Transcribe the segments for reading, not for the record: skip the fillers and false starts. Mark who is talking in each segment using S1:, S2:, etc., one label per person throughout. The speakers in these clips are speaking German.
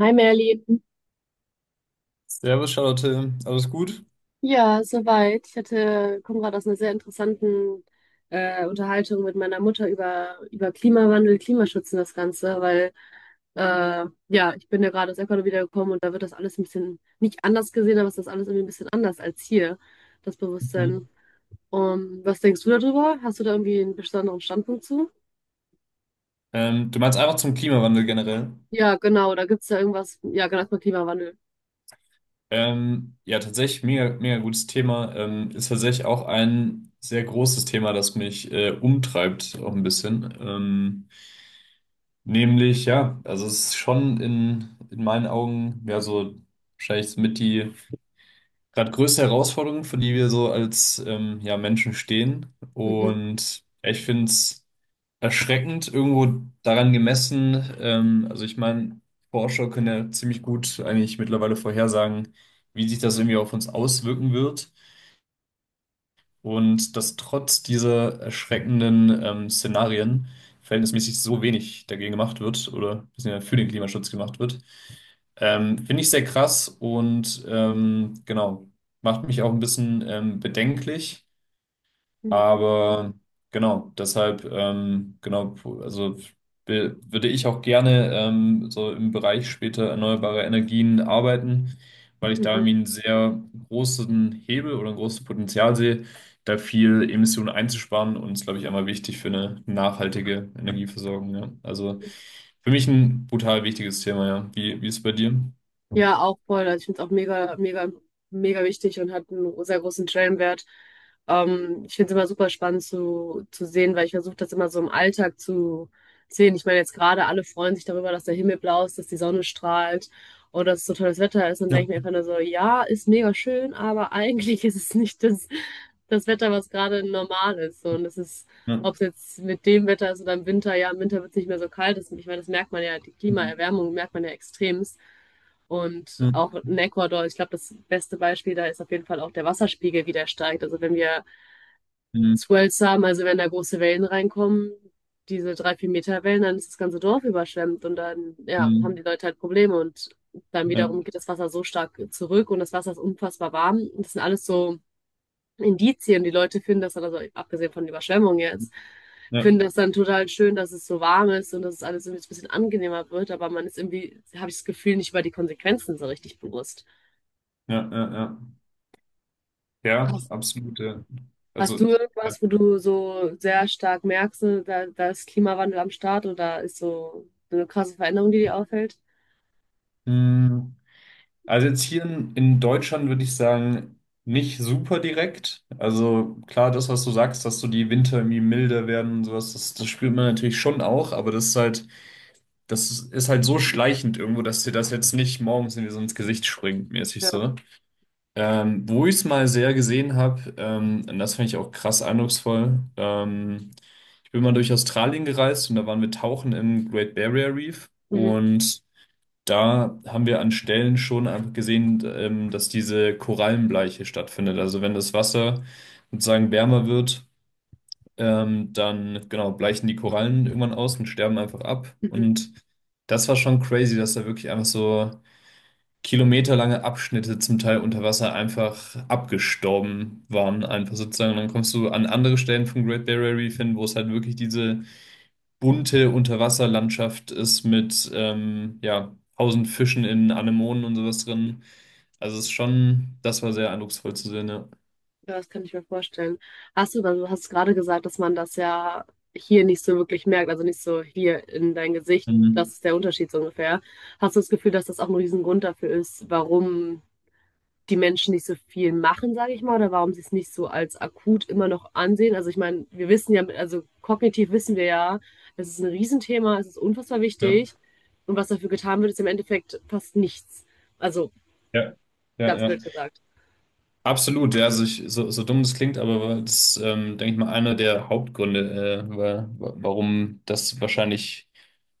S1: Hi Merlin.
S2: Servus, Charlotte. Alles gut?
S1: Ja, soweit. Ich hatte, komme gerade aus einer sehr interessanten Unterhaltung mit meiner Mutter über, über Klimawandel, Klimaschutz und das Ganze, weil ja, ich bin ja gerade aus Ecuador wiedergekommen und da wird das alles ein bisschen nicht anders gesehen, aber es ist alles irgendwie ein bisschen anders als hier, das Bewusstsein.
S2: Mhm.
S1: Was denkst du darüber? Hast du da irgendwie einen besonderen Standpunkt zu?
S2: Du meinst einfach zum Klimawandel generell?
S1: Ja, genau, da gibt es ja irgendwas. Ja, genau, erstmal Klimawandel.
S2: Ja, tatsächlich mega, mega gutes Thema. Ist tatsächlich auch ein sehr großes Thema, das mich umtreibt, auch ein bisschen. Ja, also es ist schon in meinen Augen, ja, so wahrscheinlich mit die gerade größte Herausforderung, vor die wir so als ja, Menschen stehen.
S1: Mhm.
S2: Und ja, ich finde es. Erschreckend irgendwo daran gemessen. Also ich meine, Forscher können ja ziemlich gut eigentlich mittlerweile vorhersagen, wie sich das irgendwie auf uns auswirken wird. Und dass trotz dieser erschreckenden Szenarien verhältnismäßig so wenig dagegen gemacht wird oder beziehungsweise für den Klimaschutz gemacht wird, finde ich sehr krass und genau, macht mich auch ein bisschen bedenklich,
S1: Mhm.
S2: aber genau, deshalb, genau, also würde ich auch gerne so im Bereich später erneuerbare Energien arbeiten, weil ich da
S1: Mhm.
S2: irgendwie einen sehr großen Hebel oder ein großes Potenzial sehe, da viel Emissionen einzusparen, und ist, glaube ich, einmal wichtig für eine nachhaltige Energieversorgung. Ja. Also für mich ein brutal wichtiges Thema, ja. Wie ist es bei dir?
S1: Ja, auch voll. Also ich finde es auch mega, mega, mega wichtig und hat einen sehr großen Stellenwert. Ich finde es immer super spannend zu sehen, weil ich versuche das immer so im Alltag zu sehen. Ich meine, jetzt gerade alle freuen sich darüber, dass der Himmel blau ist, dass die Sonne strahlt und dass es so tolles Wetter ist. Und denke
S2: Ja.
S1: ich mir einfach nur so, ja, ist mega schön, aber eigentlich ist es nicht das Wetter, was gerade normal ist. So, und es ist,
S2: Ja.
S1: ob es jetzt mit dem Wetter ist oder im Winter, ja, im Winter wird es nicht mehr so kalt. Das, ich meine, das merkt man ja, die
S2: Mhm.
S1: Klimaerwärmung merkt man ja extremst. Und auch in Ecuador, ich glaube, das beste Beispiel da ist auf jeden Fall auch der Wasserspiegel, wie der steigt. Also wenn wir
S2: Mhm.
S1: Swells haben, also wenn da große Wellen reinkommen, diese drei, vier Meter Wellen, dann ist das ganze Dorf überschwemmt und dann, ja, haben
S2: Mhm.
S1: die Leute halt Probleme und dann
S2: Ja.
S1: wiederum geht das Wasser so stark zurück und das Wasser ist unfassbar warm. Das sind alles so Indizien, die Leute finden das dann, also abgesehen von der Überschwemmung jetzt,
S2: Ja.
S1: finden das dann total schön, dass es so warm ist und dass es alles irgendwie ein bisschen angenehmer wird, aber man ist irgendwie, habe ich das Gefühl, nicht über die Konsequenzen so richtig bewusst.
S2: Ja. Ja. Ja. Ja,
S1: Hast,
S2: absolut. Ja.
S1: hast du
S2: Also, ja.
S1: irgendwas, wo du so sehr stark merkst, ne, da ist Klimawandel am Start oder ist so eine krasse Veränderung, die dir auffällt?
S2: Hm, also jetzt hier in Deutschland würde ich sagen, nicht super direkt. Also klar, das, was du sagst, dass so die Winter irgendwie milder werden und sowas, das spürt man natürlich schon auch, aber das ist halt so schleichend irgendwo, dass dir das jetzt nicht morgens irgendwie so ins Gesicht springt, mäßig
S1: Ja.
S2: so. Wo ich es mal sehr gesehen habe, und das fand ich auch krass eindrucksvoll. Ich bin mal durch Australien gereist und da waren wir tauchen im Great Barrier Reef,
S1: Mhm.
S2: und da haben wir an Stellen schon einfach gesehen, dass diese Korallenbleiche stattfindet. Also wenn das Wasser sozusagen wärmer wird, dann genau bleichen die Korallen irgendwann aus und sterben einfach ab.
S1: Mhm.
S2: Und das war schon crazy, dass da wirklich einfach so kilometerlange Abschnitte zum Teil unter Wasser einfach abgestorben waren, einfach sozusagen. Und dann kommst du an andere Stellen vom Great Barrier Reef hin, wo es halt wirklich diese bunte Unterwasserlandschaft ist mit ja, tausend Fischen in Anemonen und sowas drin. Also es ist schon, das war sehr eindrucksvoll zu sehen, ja.
S1: Ja, das kann ich mir vorstellen. Hast du, weil du hast gerade gesagt, dass man das ja hier nicht so wirklich merkt, also nicht so hier in dein Gesicht,
S2: Mhm.
S1: das ist der Unterschied so ungefähr. Hast du das Gefühl, dass das auch ein Riesengrund dafür ist, warum die Menschen nicht so viel machen, sage ich mal, oder warum sie es nicht so als akut immer noch ansehen. Also ich meine, wir wissen ja, also kognitiv wissen wir ja, es ist ein Riesenthema, es ist unfassbar
S2: Ja,
S1: wichtig und was dafür getan wird, ist im Endeffekt fast nichts. Also
S2: ja, ja,
S1: ganz
S2: ja.
S1: blöd gesagt.
S2: Absolut, ja, also ich, so, so dumm das klingt, aber das ist, denke ich mal, einer der Hauptgründe, warum das wahrscheinlich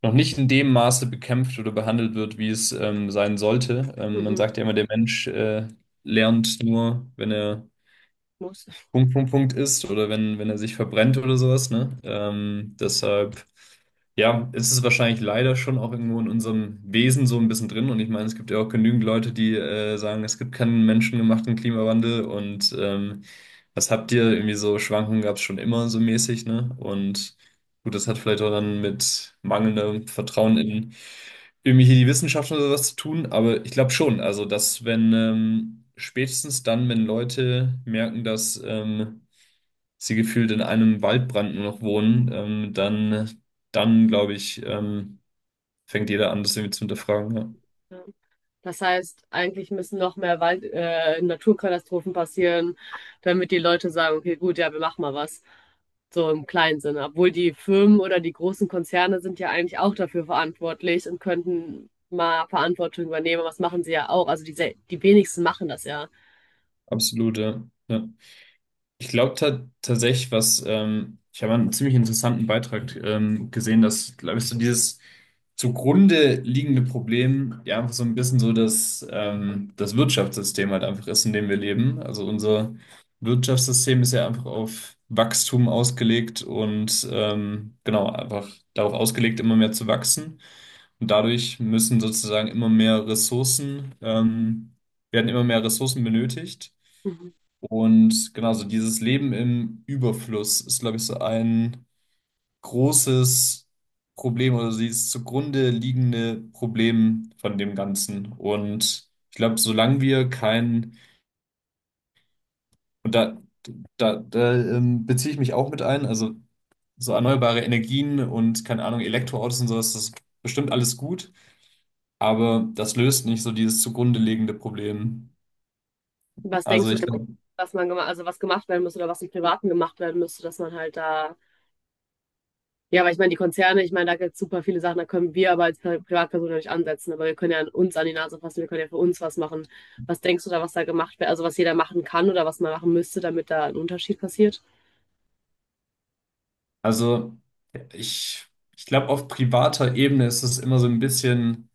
S2: noch nicht in dem Maße bekämpft oder behandelt wird, wie es sein sollte. Man
S1: Mhm.
S2: sagt ja immer, der Mensch lernt nur, wenn er
S1: Muss.
S2: Punkt, Punkt, Punkt ist oder wenn, er sich verbrennt oder sowas, ne? Deshalb, ja, ist es wahrscheinlich leider schon auch irgendwo in unserem Wesen so ein bisschen drin. Und ich meine, es gibt ja auch genügend Leute, die sagen, es gibt keinen menschengemachten Klimawandel und was habt ihr? Irgendwie so Schwankungen gab es schon immer so mäßig, ne? Und gut, das hat vielleicht auch dann mit mangelndem Vertrauen in irgendwie hier die Wissenschaft oder was zu tun, aber ich glaube schon, also dass wenn spätestens dann, wenn Leute merken, dass sie gefühlt in einem Waldbrand nur noch wohnen, dann, dann glaube ich, fängt jeder an, das irgendwie zu hinterfragen. Ja.
S1: Ja. Das heißt, eigentlich müssen noch mehr Wald, Naturkatastrophen passieren, damit die Leute sagen, okay, gut, ja, wir machen mal was. So im kleinen Sinne. Obwohl die Firmen oder die großen Konzerne sind ja eigentlich auch dafür verantwortlich und könnten mal Verantwortung übernehmen. Was machen sie ja auch? Also die, die wenigsten machen das ja.
S2: Absolut, ja. Ja. Ich glaube ta Tatsächlich, was ich habe einen ziemlich interessanten Beitrag gesehen, dass, glaube ich, so dieses zugrunde liegende Problem ja einfach so ein bisschen so das, das Wirtschaftssystem halt einfach ist, in dem wir leben. Also unser Wirtschaftssystem ist ja einfach auf Wachstum ausgelegt und genau, einfach darauf ausgelegt, immer mehr zu wachsen. Und dadurch müssen sozusagen werden immer mehr Ressourcen benötigt.
S1: Mhm.
S2: Und genau, so dieses Leben im Überfluss ist, glaube ich, so ein großes Problem oder so dieses zugrunde liegende Problem von dem Ganzen. Und ich glaube, solange wir kein, und da, da beziehe ich mich auch mit ein, also so erneuerbare Energien und keine Ahnung, Elektroautos und sowas, das ist bestimmt alles gut, aber das löst nicht so dieses zugrunde liegende Problem.
S1: Was denkst
S2: Also
S1: du
S2: ich
S1: denn,
S2: glaube,
S1: was man gemacht, also was gemacht werden müsste oder was im Privaten gemacht werden müsste, dass man halt da ja, aber ich meine, die Konzerne, ich meine, da gibt es super viele Sachen, da können wir aber als Privatperson ja nicht ansetzen, aber wir können ja an uns an die Nase fassen, wir können ja für uns was machen. Was denkst du da, was da gemacht wird, also was jeder machen kann oder was man machen müsste, damit da ein Unterschied passiert?
S2: also ich, ich glaube, auf privater Ebene ist es immer so ein bisschen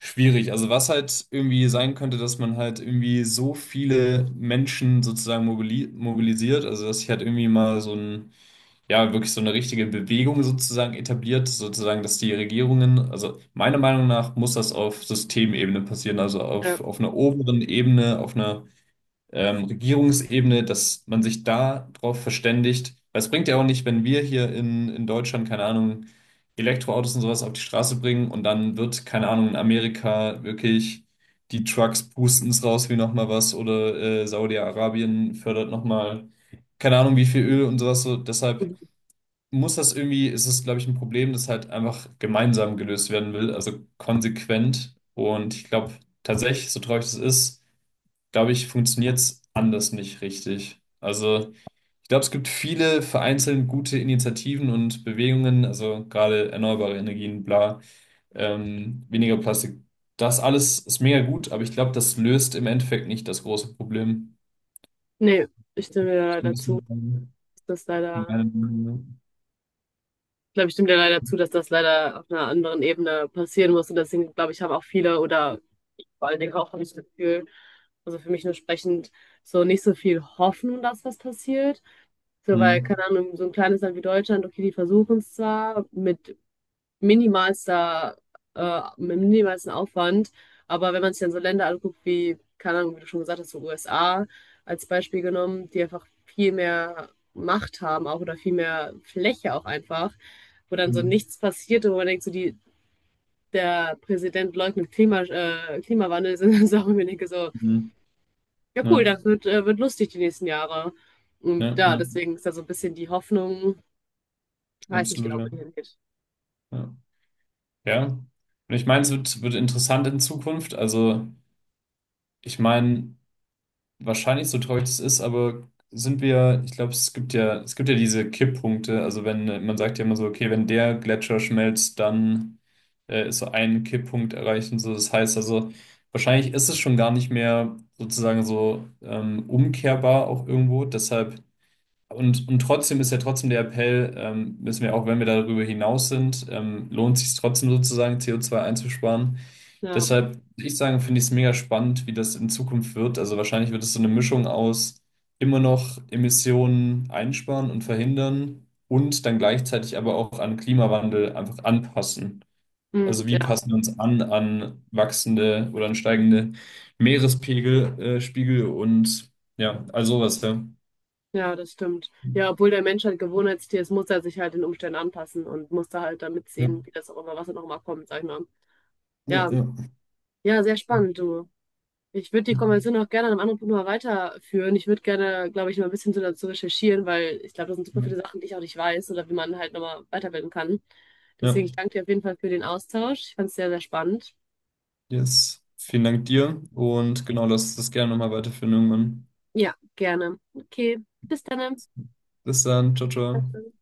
S2: schwierig. Also was halt irgendwie sein könnte, dass man halt irgendwie so viele Menschen sozusagen mobilisiert, also dass sich halt irgendwie mal so ein, ja, wirklich so eine richtige Bewegung sozusagen etabliert, sozusagen, dass die Regierungen, also meiner Meinung nach muss das auf Systemebene passieren, also
S1: Ja.
S2: auf einer oberen Ebene, auf einer Regierungsebene, dass man sich da drauf verständigt. Weil es bringt ja auch nicht, wenn wir hier in Deutschland, keine Ahnung, Elektroautos und sowas auf die Straße bringen und dann wird, keine Ahnung, in Amerika wirklich die Trucks pusten's raus wie nochmal was oder Saudi-Arabien fördert nochmal, keine Ahnung, wie viel Öl und sowas. So, deshalb
S1: Mhm.
S2: muss das irgendwie, ist es, glaube ich, ein Problem, das halt einfach gemeinsam gelöst werden will, also konsequent. Und ich glaube tatsächlich, so traurig das ist, glaube ich, funktioniert es anders nicht richtig. Also, ich glaube, es gibt viele vereinzelt gute Initiativen und Bewegungen, also gerade erneuerbare Energien, bla, weniger Plastik. Das alles ist mega gut, aber ich glaube, das löst im Endeffekt nicht das große Problem.
S1: Nee, ich stimme dir
S2: Ist ein
S1: leider zu,
S2: bisschen
S1: dass das
S2: meine Meinung.
S1: ich glaube, ich stimme dir leider zu, dass das leider auf einer anderen Ebene passieren muss und deswegen, glaube ich, haben auch viele oder vor allen Dingen auch habe ich das Gefühl, also für mich nur sprechend, so nicht so viel Hoffnung, dass was passiert. So, weil,
S2: Hm,
S1: keine Ahnung, so ein kleines Land wie Deutschland, okay, die versuchen es zwar mit minimalster, mit minimalstem Aufwand, aber wenn man sich dann so Länder anguckt wie, keine Ahnung, wie du schon gesagt hast, so USA als Beispiel genommen, die einfach viel mehr Macht haben auch oder viel mehr Fläche auch einfach, wo dann so
S2: hm,
S1: nichts passiert und wo man denkt, so die, der Präsident leugnet Klimawandel, sind dann Sachen, wo ich denke, so,
S2: hm.
S1: ja cool,
S2: Ja,
S1: das wird lustig die nächsten Jahre. Und
S2: ja,
S1: ja,
S2: ja,
S1: deswegen ist da so ein bisschen die Hoffnung, weiß nicht
S2: absolut,
S1: genau,
S2: ja.
S1: wohin er geht.
S2: Ja. Ja. Und ich meine, es wird interessant in Zukunft. Also, ich meine, wahrscheinlich so traurig das ist, aber sind wir, ich glaube, es gibt ja diese Kipppunkte. Also wenn man sagt ja immer so, okay, wenn der Gletscher schmelzt, dann ist so ein Kipppunkt erreicht und so. Das heißt also, wahrscheinlich ist es schon gar nicht mehr sozusagen so umkehrbar auch irgendwo. Deshalb und, trotzdem ist ja trotzdem der Appell, müssen wir auch, wenn wir darüber hinaus sind, lohnt sich trotzdem sozusagen CO2 einzusparen.
S1: Ja.
S2: Deshalb würde ich sagen, finde ich es mega spannend, wie das in Zukunft wird. Also wahrscheinlich wird es so eine Mischung aus immer noch Emissionen einsparen und verhindern und dann gleichzeitig aber auch an Klimawandel einfach anpassen.
S1: Mm,
S2: Also wie
S1: ja,
S2: passen wir uns an an wachsende oder an steigende Spiegel und ja, all sowas, ja.
S1: ja, das stimmt. Ja, obwohl der Mensch halt Gewohnheitstier ist, muss er sich halt den Umständen anpassen und muss da halt damit
S2: Ja.
S1: sehen, wie das auch immer, was da noch mal kommt, sag ich mal.
S2: Ja,
S1: Ja,
S2: ja.
S1: ja, sehr spannend, du. Ich würde die Konversation auch gerne an einem anderen Punkt mal weiterführen. Ich würde gerne, glaube ich, noch ein bisschen so dazu recherchieren, weil ich glaube, das sind super
S2: Ja,
S1: viele Sachen, die ich auch nicht weiß oder wie man halt nochmal weiterbilden kann.
S2: ja,
S1: Deswegen, ich danke dir auf jeden Fall für den Austausch. Ich fand es sehr, sehr spannend.
S2: yes. Vielen Dank dir und genau, lass das gerne nochmal weiterführen irgendwann.
S1: Ja, gerne. Okay, bis dann.
S2: Bis dann, ciao, ciao.
S1: Danke.